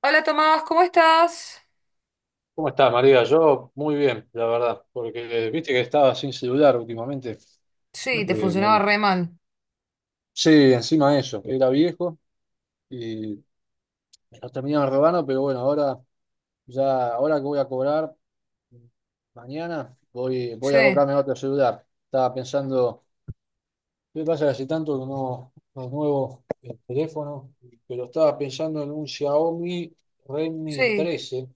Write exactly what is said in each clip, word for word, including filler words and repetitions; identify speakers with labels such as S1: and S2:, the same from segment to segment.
S1: Hola Tomás, ¿cómo estás?
S2: ¿Cómo estás, María? Yo muy bien, la verdad, porque viste que estaba sin celular últimamente.
S1: Sí, te
S2: que
S1: funcionaba
S2: me-
S1: re mal.
S2: Sí, encima de eso, era viejo y me lo terminaron robando, pero bueno, ahora ya, ahora que voy a cobrar mañana, voy, voy
S1: Sí,
S2: a comprarme otro celular. Estaba pensando, ¿qué pasa que hace tanto que no, no nuevo el teléfono? Pero estaba pensando en un Xiaomi Redmi
S1: sí,
S2: trece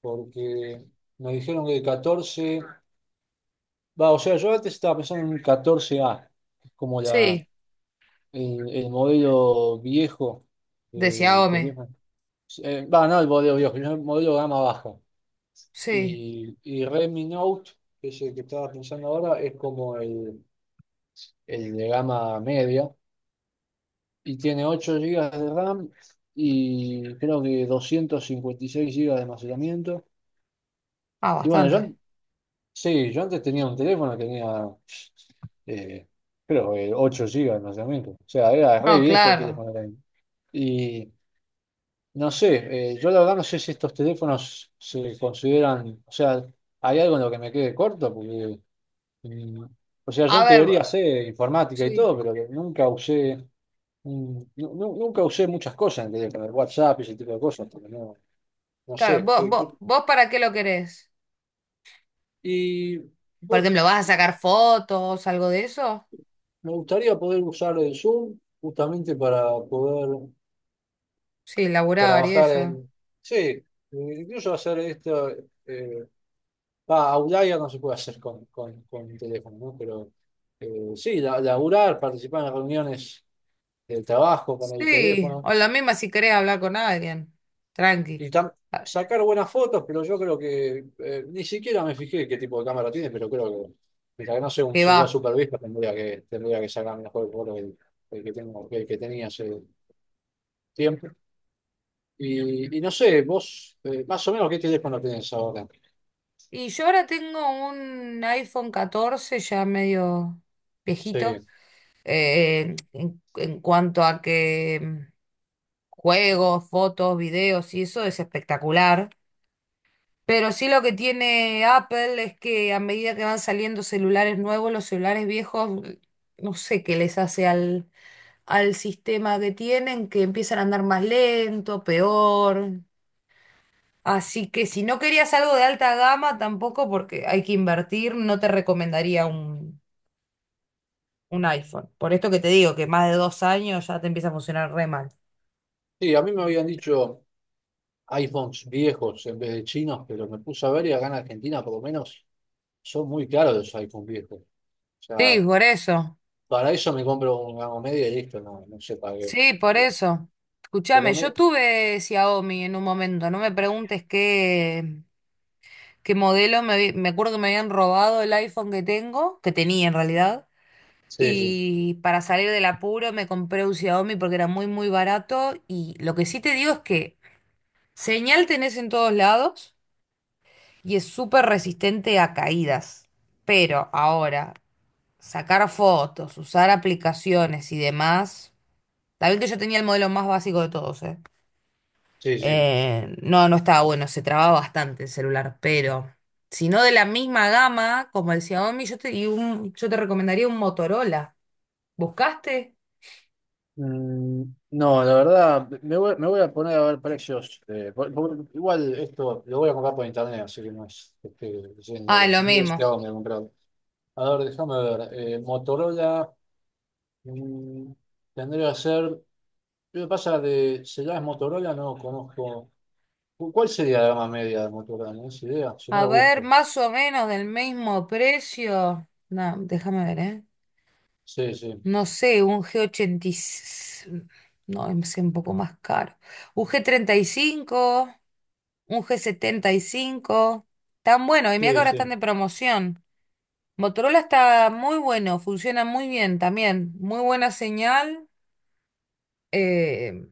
S2: porque me dijeron que el catorce Va, o sea, yo antes estaba pensando en un catorce A, que es como la,
S1: sí,
S2: el, el modelo viejo.
S1: decía
S2: Eh, que le
S1: Ome.
S2: Eh, va, no el modelo viejo, sino el modelo gama baja.
S1: Sí,
S2: Y, y Redmi Note, que es el que estaba pensando ahora, es como el, el de gama media. Y tiene ocho gigas de RAM y creo que doscientos cincuenta y seis gigas de almacenamiento.
S1: ah,
S2: Y bueno, yo,
S1: bastante.
S2: an- sí, yo antes tenía un teléfono que tenía, eh, creo que, ocho gigas de almacenamiento. O sea, era re
S1: No,
S2: viejo el
S1: claro.
S2: teléfono también. Y no sé, eh, yo la verdad no sé si estos teléfonos se consideran, o sea, hay algo en lo que me quede corto, porque, mm, o sea, yo
S1: A
S2: en
S1: ver, vo-
S2: teoría sé informática y
S1: sí,
S2: todo, pero que nunca usé, mm, nu- nu- nunca usé muchas cosas en el teléfono, el WhatsApp y ese tipo de cosas, porque no, no
S1: claro,
S2: sé.
S1: vos,
S2: qué-
S1: vos,
S2: qué-
S1: ¿vos para qué lo querés?
S2: Y
S1: Por
S2: vos-
S1: ejemplo, ¿vas a sacar fotos, algo de eso?
S2: Me gustaría poder usar el Zoom justamente para poder
S1: Sí, laburar y
S2: trabajar
S1: eso.
S2: en. Sí, incluso hacer esto. eh, va, Outlier no se puede hacer con, con, con el teléfono, ¿no? Pero eh, sí, la- laburar, participar en las reuniones de trabajo con el
S1: Sí,
S2: teléfono,
S1: o la misma si querés hablar con alguien. Tranqui,
S2: y tam-
S1: a-
S2: sacar buenas fotos. Pero yo creo que, eh, ni siquiera me fijé qué tipo de cámara tiene, pero creo que, mientras que no sea un
S1: que va.
S2: celular super viejo, tendría que, tendría que sacar mejor foto que el, el que tengo, que el que tenía hace tiempo. Y, y no sé, vos, eh, más o menos, ¿qué teléfono tenés ahora?
S1: Y yo ahora tengo un iPhone catorce ya medio
S2: Sí.
S1: viejito. eh, en, en cuanto a que mm, juegos, fotos, videos y eso es espectacular. Pero sí, lo que tiene Apple es que a medida que van saliendo celulares nuevos, los celulares viejos, mm, no sé qué les hace al, al sistema que tienen, que empiezan a andar más lento, peor. Así que si no querías algo de alta gama, tampoco, porque hay que invertir, no te recomendaría un, un iPhone. Por esto que te digo, que más de dos años ya te empieza a funcionar re mal.
S2: Sí, a mí me habían dicho iPhones viejos en vez de chinos, pero me puse a ver y acá en Argentina por lo menos son muy caros los iPhones viejos. O sea,
S1: Sí, por eso.
S2: para eso me compro un gama media y listo, no, no sé para qué.
S1: Sí, por eso. Escúchame,
S2: Pero
S1: yo
S2: me.
S1: tuve Xiaomi en un momento, no me preguntes qué, qué modelo. Me, habí- me acuerdo que me habían robado el iPhone que tengo, que tenía en realidad,
S2: Sí, sí,
S1: y para salir del apuro me compré un Xiaomi porque era muy, muy barato, y lo que sí te digo es que señal tenés en todos lados y es súper resistente a caídas, pero ahora, sacar fotos, usar aplicaciones y demás. Está bien que yo tenía el modelo más básico de todos, ¿eh?
S2: sí, sí.
S1: Eh, no, no estaba bueno, se trababa bastante el celular, pero si no de la misma gama como el Xiaomi, yo te, y un- yo te recomendaría un Motorola. ¿Buscaste?
S2: Mm, no, la verdad, me voy, me voy a poner a ver precios. Eh, por- por- igual esto lo voy a comprar por internet, así que no es que esté yendo a
S1: Ah,
S2: la
S1: lo
S2: tienda, este
S1: mismo.
S2: hago me he comprado. A ver, déjame ver. eh, Motorola, mm, tendría que ser. Lo que pasa de celulares Motorola no conozco. ¿Cu- ¿Cuál sería la gama media de Motorola? ¿No es idea? Si no
S1: A
S2: la
S1: ver,
S2: busco.
S1: más o menos del mismo precio. No, déjame ver, ¿eh?
S2: Sí, sí.
S1: No sé, un G ochenta. No, es un poco más caro. Un G treinta y cinco, un G setenta y cinco. Tan bueno, y mira que
S2: Sí,
S1: ahora
S2: sí.
S1: están de promoción. Motorola está muy bueno, funciona muy bien también, muy buena señal. eh,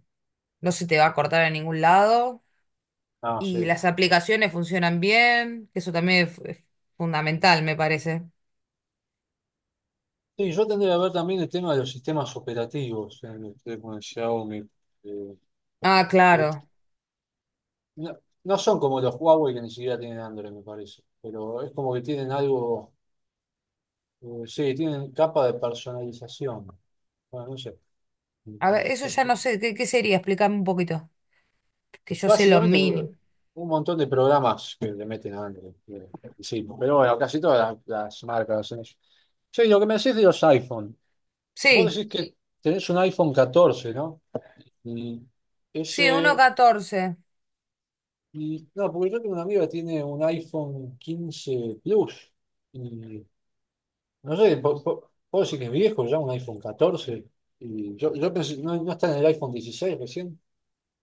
S1: no se te va a cortar a ningún lado,
S2: Ah,
S1: y
S2: sí.
S1: las aplicaciones funcionan bien, eso también es, es fundamental, me parece.
S2: Sí, yo tendría que ver también el tema de los sistemas operativos en los teléfonos de Xiaomi. eh,
S1: Ah,
S2: Porque
S1: claro.
S2: no, no, son como los Huawei, que ni siquiera tienen Android, me parece. Pero es como que tienen algo. Eh, sí, tienen capa de personalización. Bueno, no
S1: A ver, eso
S2: sé.
S1: ya no sé, ¿qué, qué, sería? Explícame un poquito, que yo sé lo
S2: Básicamente,
S1: mínimo.
S2: un montón de programas que le meten a Android. Que- que Sí, pero bueno, casi todas las, las marcas hacen eso. Sí, lo que me decís de los iPhone. Vos
S1: Sí,
S2: decís que sí. Tenés un iPhone catorce, ¿no? Y
S1: sí, uno punto
S2: ese.
S1: catorce.
S2: Y- no, porque yo tengo una amiga que tiene un iPhone quince Plus. Y no sé, po- po- puedo decir que es viejo ya, un iPhone catorce. Y yo, yo pensé, no, no está en el iPhone dieciséis recién.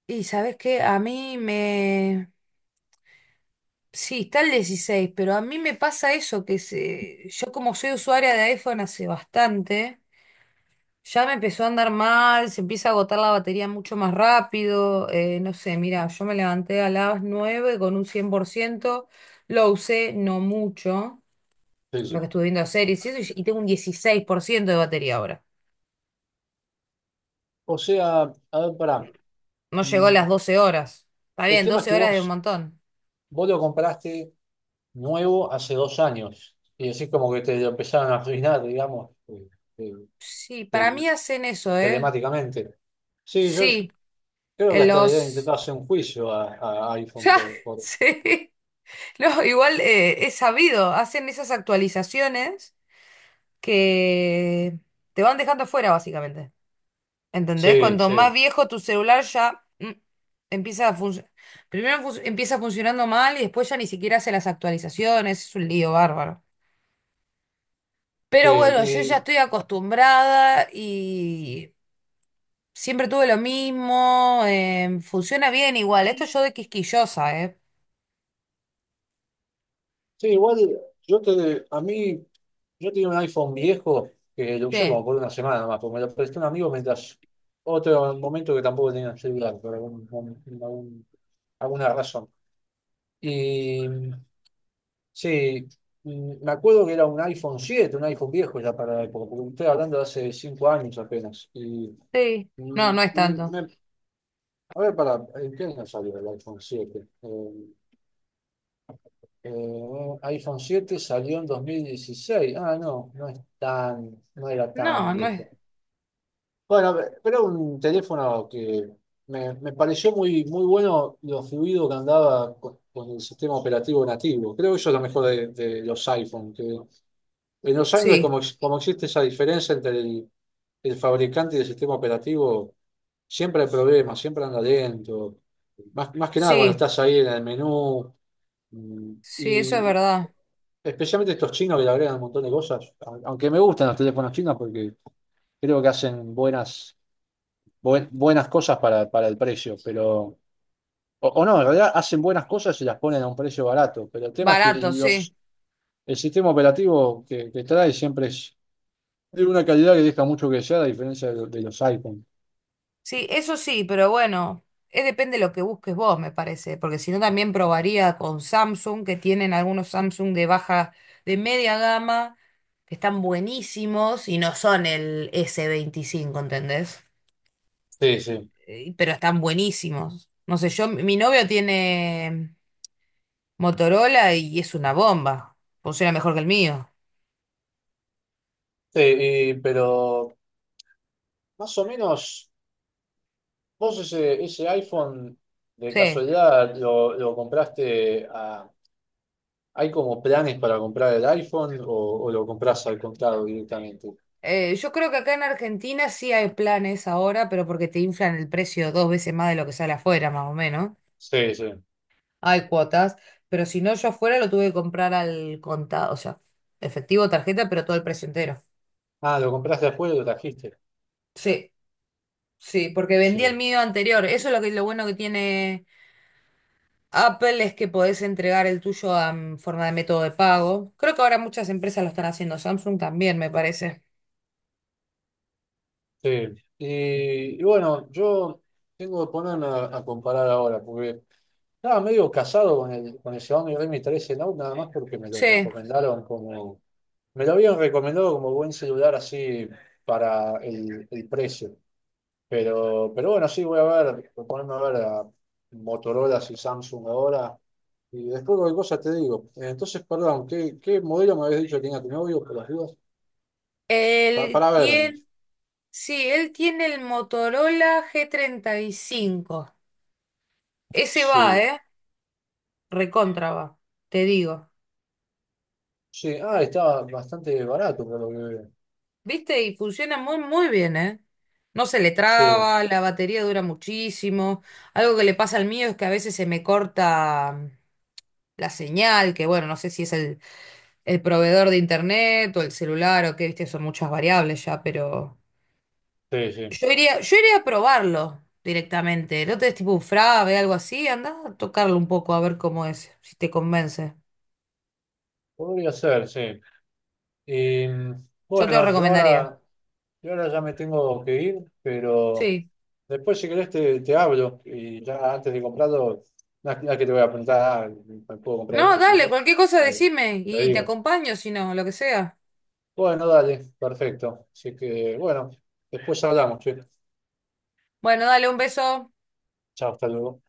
S1: Y ¿sabes qué? A mí me... Sí, está el dieciséis, pero a mí me pasa eso, que se... yo, como soy usuaria de iPhone hace bastante... Ya me empezó a andar mal, se empieza a agotar la batería mucho más rápido. Eh, no sé, mira, yo me levanté a las nueve con un cien por ciento, lo usé no mucho,
S2: Sí,
S1: lo que
S2: sí.
S1: estuve viendo series y eso, y y tengo un dieciséis por ciento de batería ahora.
S2: O sea, a ver, pará.
S1: No llegó a
S2: Mm,
S1: las doce horas. Está
S2: El
S1: bien,
S2: tema es
S1: doce
S2: que
S1: horas es un
S2: vos
S1: montón.
S2: Vos lo compraste nuevo hace dos años y así como que te lo empezaron a arruinar, digamos, eh, eh,
S1: Sí, para
S2: te-
S1: mí hacen eso, ¿eh?
S2: telemáticamente. Sí, yo
S1: Sí,
S2: creo que
S1: en
S2: hasta le deben
S1: los...
S2: intentar hacer un juicio a, a iPhone
S1: Ya,
S2: por, por-
S1: sí. No, igual, eh, es sabido, hacen esas actualizaciones que te van dejando fuera, básicamente. ¿Entendés?
S2: Sí,
S1: Cuanto
S2: sí,
S1: más viejo tu celular ya mm, empieza a funcionar. Primero fun- empieza funcionando mal y después ya ni siquiera hace las actualizaciones. Es un lío bárbaro.
S2: sí.
S1: Pero bueno, yo ya
S2: Y
S1: estoy acostumbrada y siempre tuve lo mismo. Em, funciona bien igual. Esto yo, de quisquillosa, ¿eh?
S2: sí, igual yo te, a mí, yo tenía un iPhone viejo que lo usé como
S1: Sí,
S2: por una semana más, porque me lo prestó un amigo mientras otro momento que tampoco tenía celular, por algún, algún- alguna razón. Y sí, mm, me acuerdo que era un iPhone siete, un iPhone viejo ya para la época, porque estoy hablando de hace cinco años apenas. Y,
S1: sí. No,
S2: mm,
S1: no es
S2: me-
S1: tanto.
S2: me- a ver, para, ¿en qué año salió el iPhone siete? Eh, eh, iPhone siete salió en dos mil dieciséis. Ah, no, no es tan, no era tan
S1: No, no es.
S2: viejo. Bueno, pero un teléfono que me, me pareció muy, muy bueno lo fluido que andaba con, con el sistema operativo nativo. Creo que eso es lo mejor de, de los iPhone. Que En los Android,
S1: Sí,
S2: como, ex- como existe esa diferencia entre el, el fabricante y el sistema operativo, siempre hay problemas, siempre anda lento. Más, más que nada cuando
S1: sí,
S2: estás ahí en el menú. mm,
S1: sí, eso es
S2: Y, y
S1: verdad.
S2: especialmente estos chinos que le agregan un montón de cosas. a- Aunque me gustan los teléfonos chinos porque creo que hacen buenas, buen- buenas cosas para, para el precio. Pero, o, o no, en realidad hacen buenas cosas y las ponen a un precio barato. Pero el tema es que
S1: Barato, sí.
S2: los, el sistema operativo que, que trae siempre es tiene una calidad que deja mucho que desear, a diferencia de, lo- de los iPhone.
S1: Sí, eso sí, pero bueno, eh, depende de lo que busques vos, me parece, porque si no también probaría con Samsung, que tienen algunos Samsung de baja, de media gama, que están buenísimos y no son el s veinticinco, ¿entendés?
S2: Sí, sí.
S1: Eh, Pero están buenísimos. No sé, yo, mi novio tiene Motorola y es una bomba, funciona mejor que el mío.
S2: Sí, y- pero más o menos, vos ese, ese iPhone de
S1: Sí.
S2: casualidad lo, lo compraste a. ¿Hay como planes para comprar el iPhone o, o lo compras al contado directamente?
S1: Eh, yo creo que acá en Argentina sí hay planes ahora, pero porque te inflan el precio dos veces más de lo que sale afuera, más o menos.
S2: Sí, sí.
S1: Hay cuotas, pero si no, yo afuera lo tuve que comprar al contado, o sea, efectivo, tarjeta, pero todo el precio entero.
S2: Ah, lo compraste después y lo trajiste.
S1: Sí, sí, porque vendí el
S2: Sí.
S1: mío anterior. Eso es lo que lo bueno que tiene Apple, es que podés entregar el tuyo a, en forma de método de pago. Creo que ahora muchas empresas lo están haciendo, Samsung también, me parece.
S2: Sí. Y, y bueno, yo tengo que ponerme a, a comparar ahora, porque estaba medio casado con el, con el Xiaomi Redmi trece Note, nada más porque me lo
S1: Sí.
S2: recomendaron como. Me lo habían recomendado como buen celular así para el, el precio. Pero, pero bueno, sí, voy a ver, voy a ponerme a ver a Motorola y Samsung ahora. Y después cualquier cosa te digo. Eh, Entonces, perdón, ¿qué, qué modelo me habías dicho que tenía tu novio por las dudas? Pa-
S1: Él
S2: para ver.
S1: tiene, sí, él tiene el Motorola g treinta y cinco. Ese va,
S2: Sí,
S1: ¿eh? Recontra va, te digo.
S2: sí. Ah, estaba bastante barato por lo que veo.
S1: ¿Viste? Y funciona muy, muy bien, ¿eh? No se le
S2: Sí,
S1: traba, la batería dura muchísimo. Algo que le pasa al mío es que a veces se me corta mm, la señal, que bueno, no sé si es el, el, proveedor de internet o el celular o qué, viste, son muchas variables ya, pero
S2: sí,
S1: yo
S2: sí.
S1: iría, yo iría a probarlo directamente. No te des tipo un frave, algo así, anda a tocarlo un poco a ver cómo es, si te convence.
S2: Podría ser, sí. Y
S1: Yo te lo
S2: bueno, yo
S1: recomendaría.
S2: ahora, yo ahora ya me tengo que ir, pero
S1: Sí.
S2: después si querés te, te, hablo y ya antes de comprarlo, no es no es que te voy a preguntar, ah, ¿me puedo comprar
S1: No,
S2: este? Si no,
S1: dale, cualquier cosa
S2: eh,
S1: decime
S2: te
S1: y te
S2: digo.
S1: acompaño, si no, lo que sea.
S2: Bueno, dale, perfecto. Así que bueno, después hablamos, che.
S1: Bueno, dale un beso.
S2: Chao, hasta luego.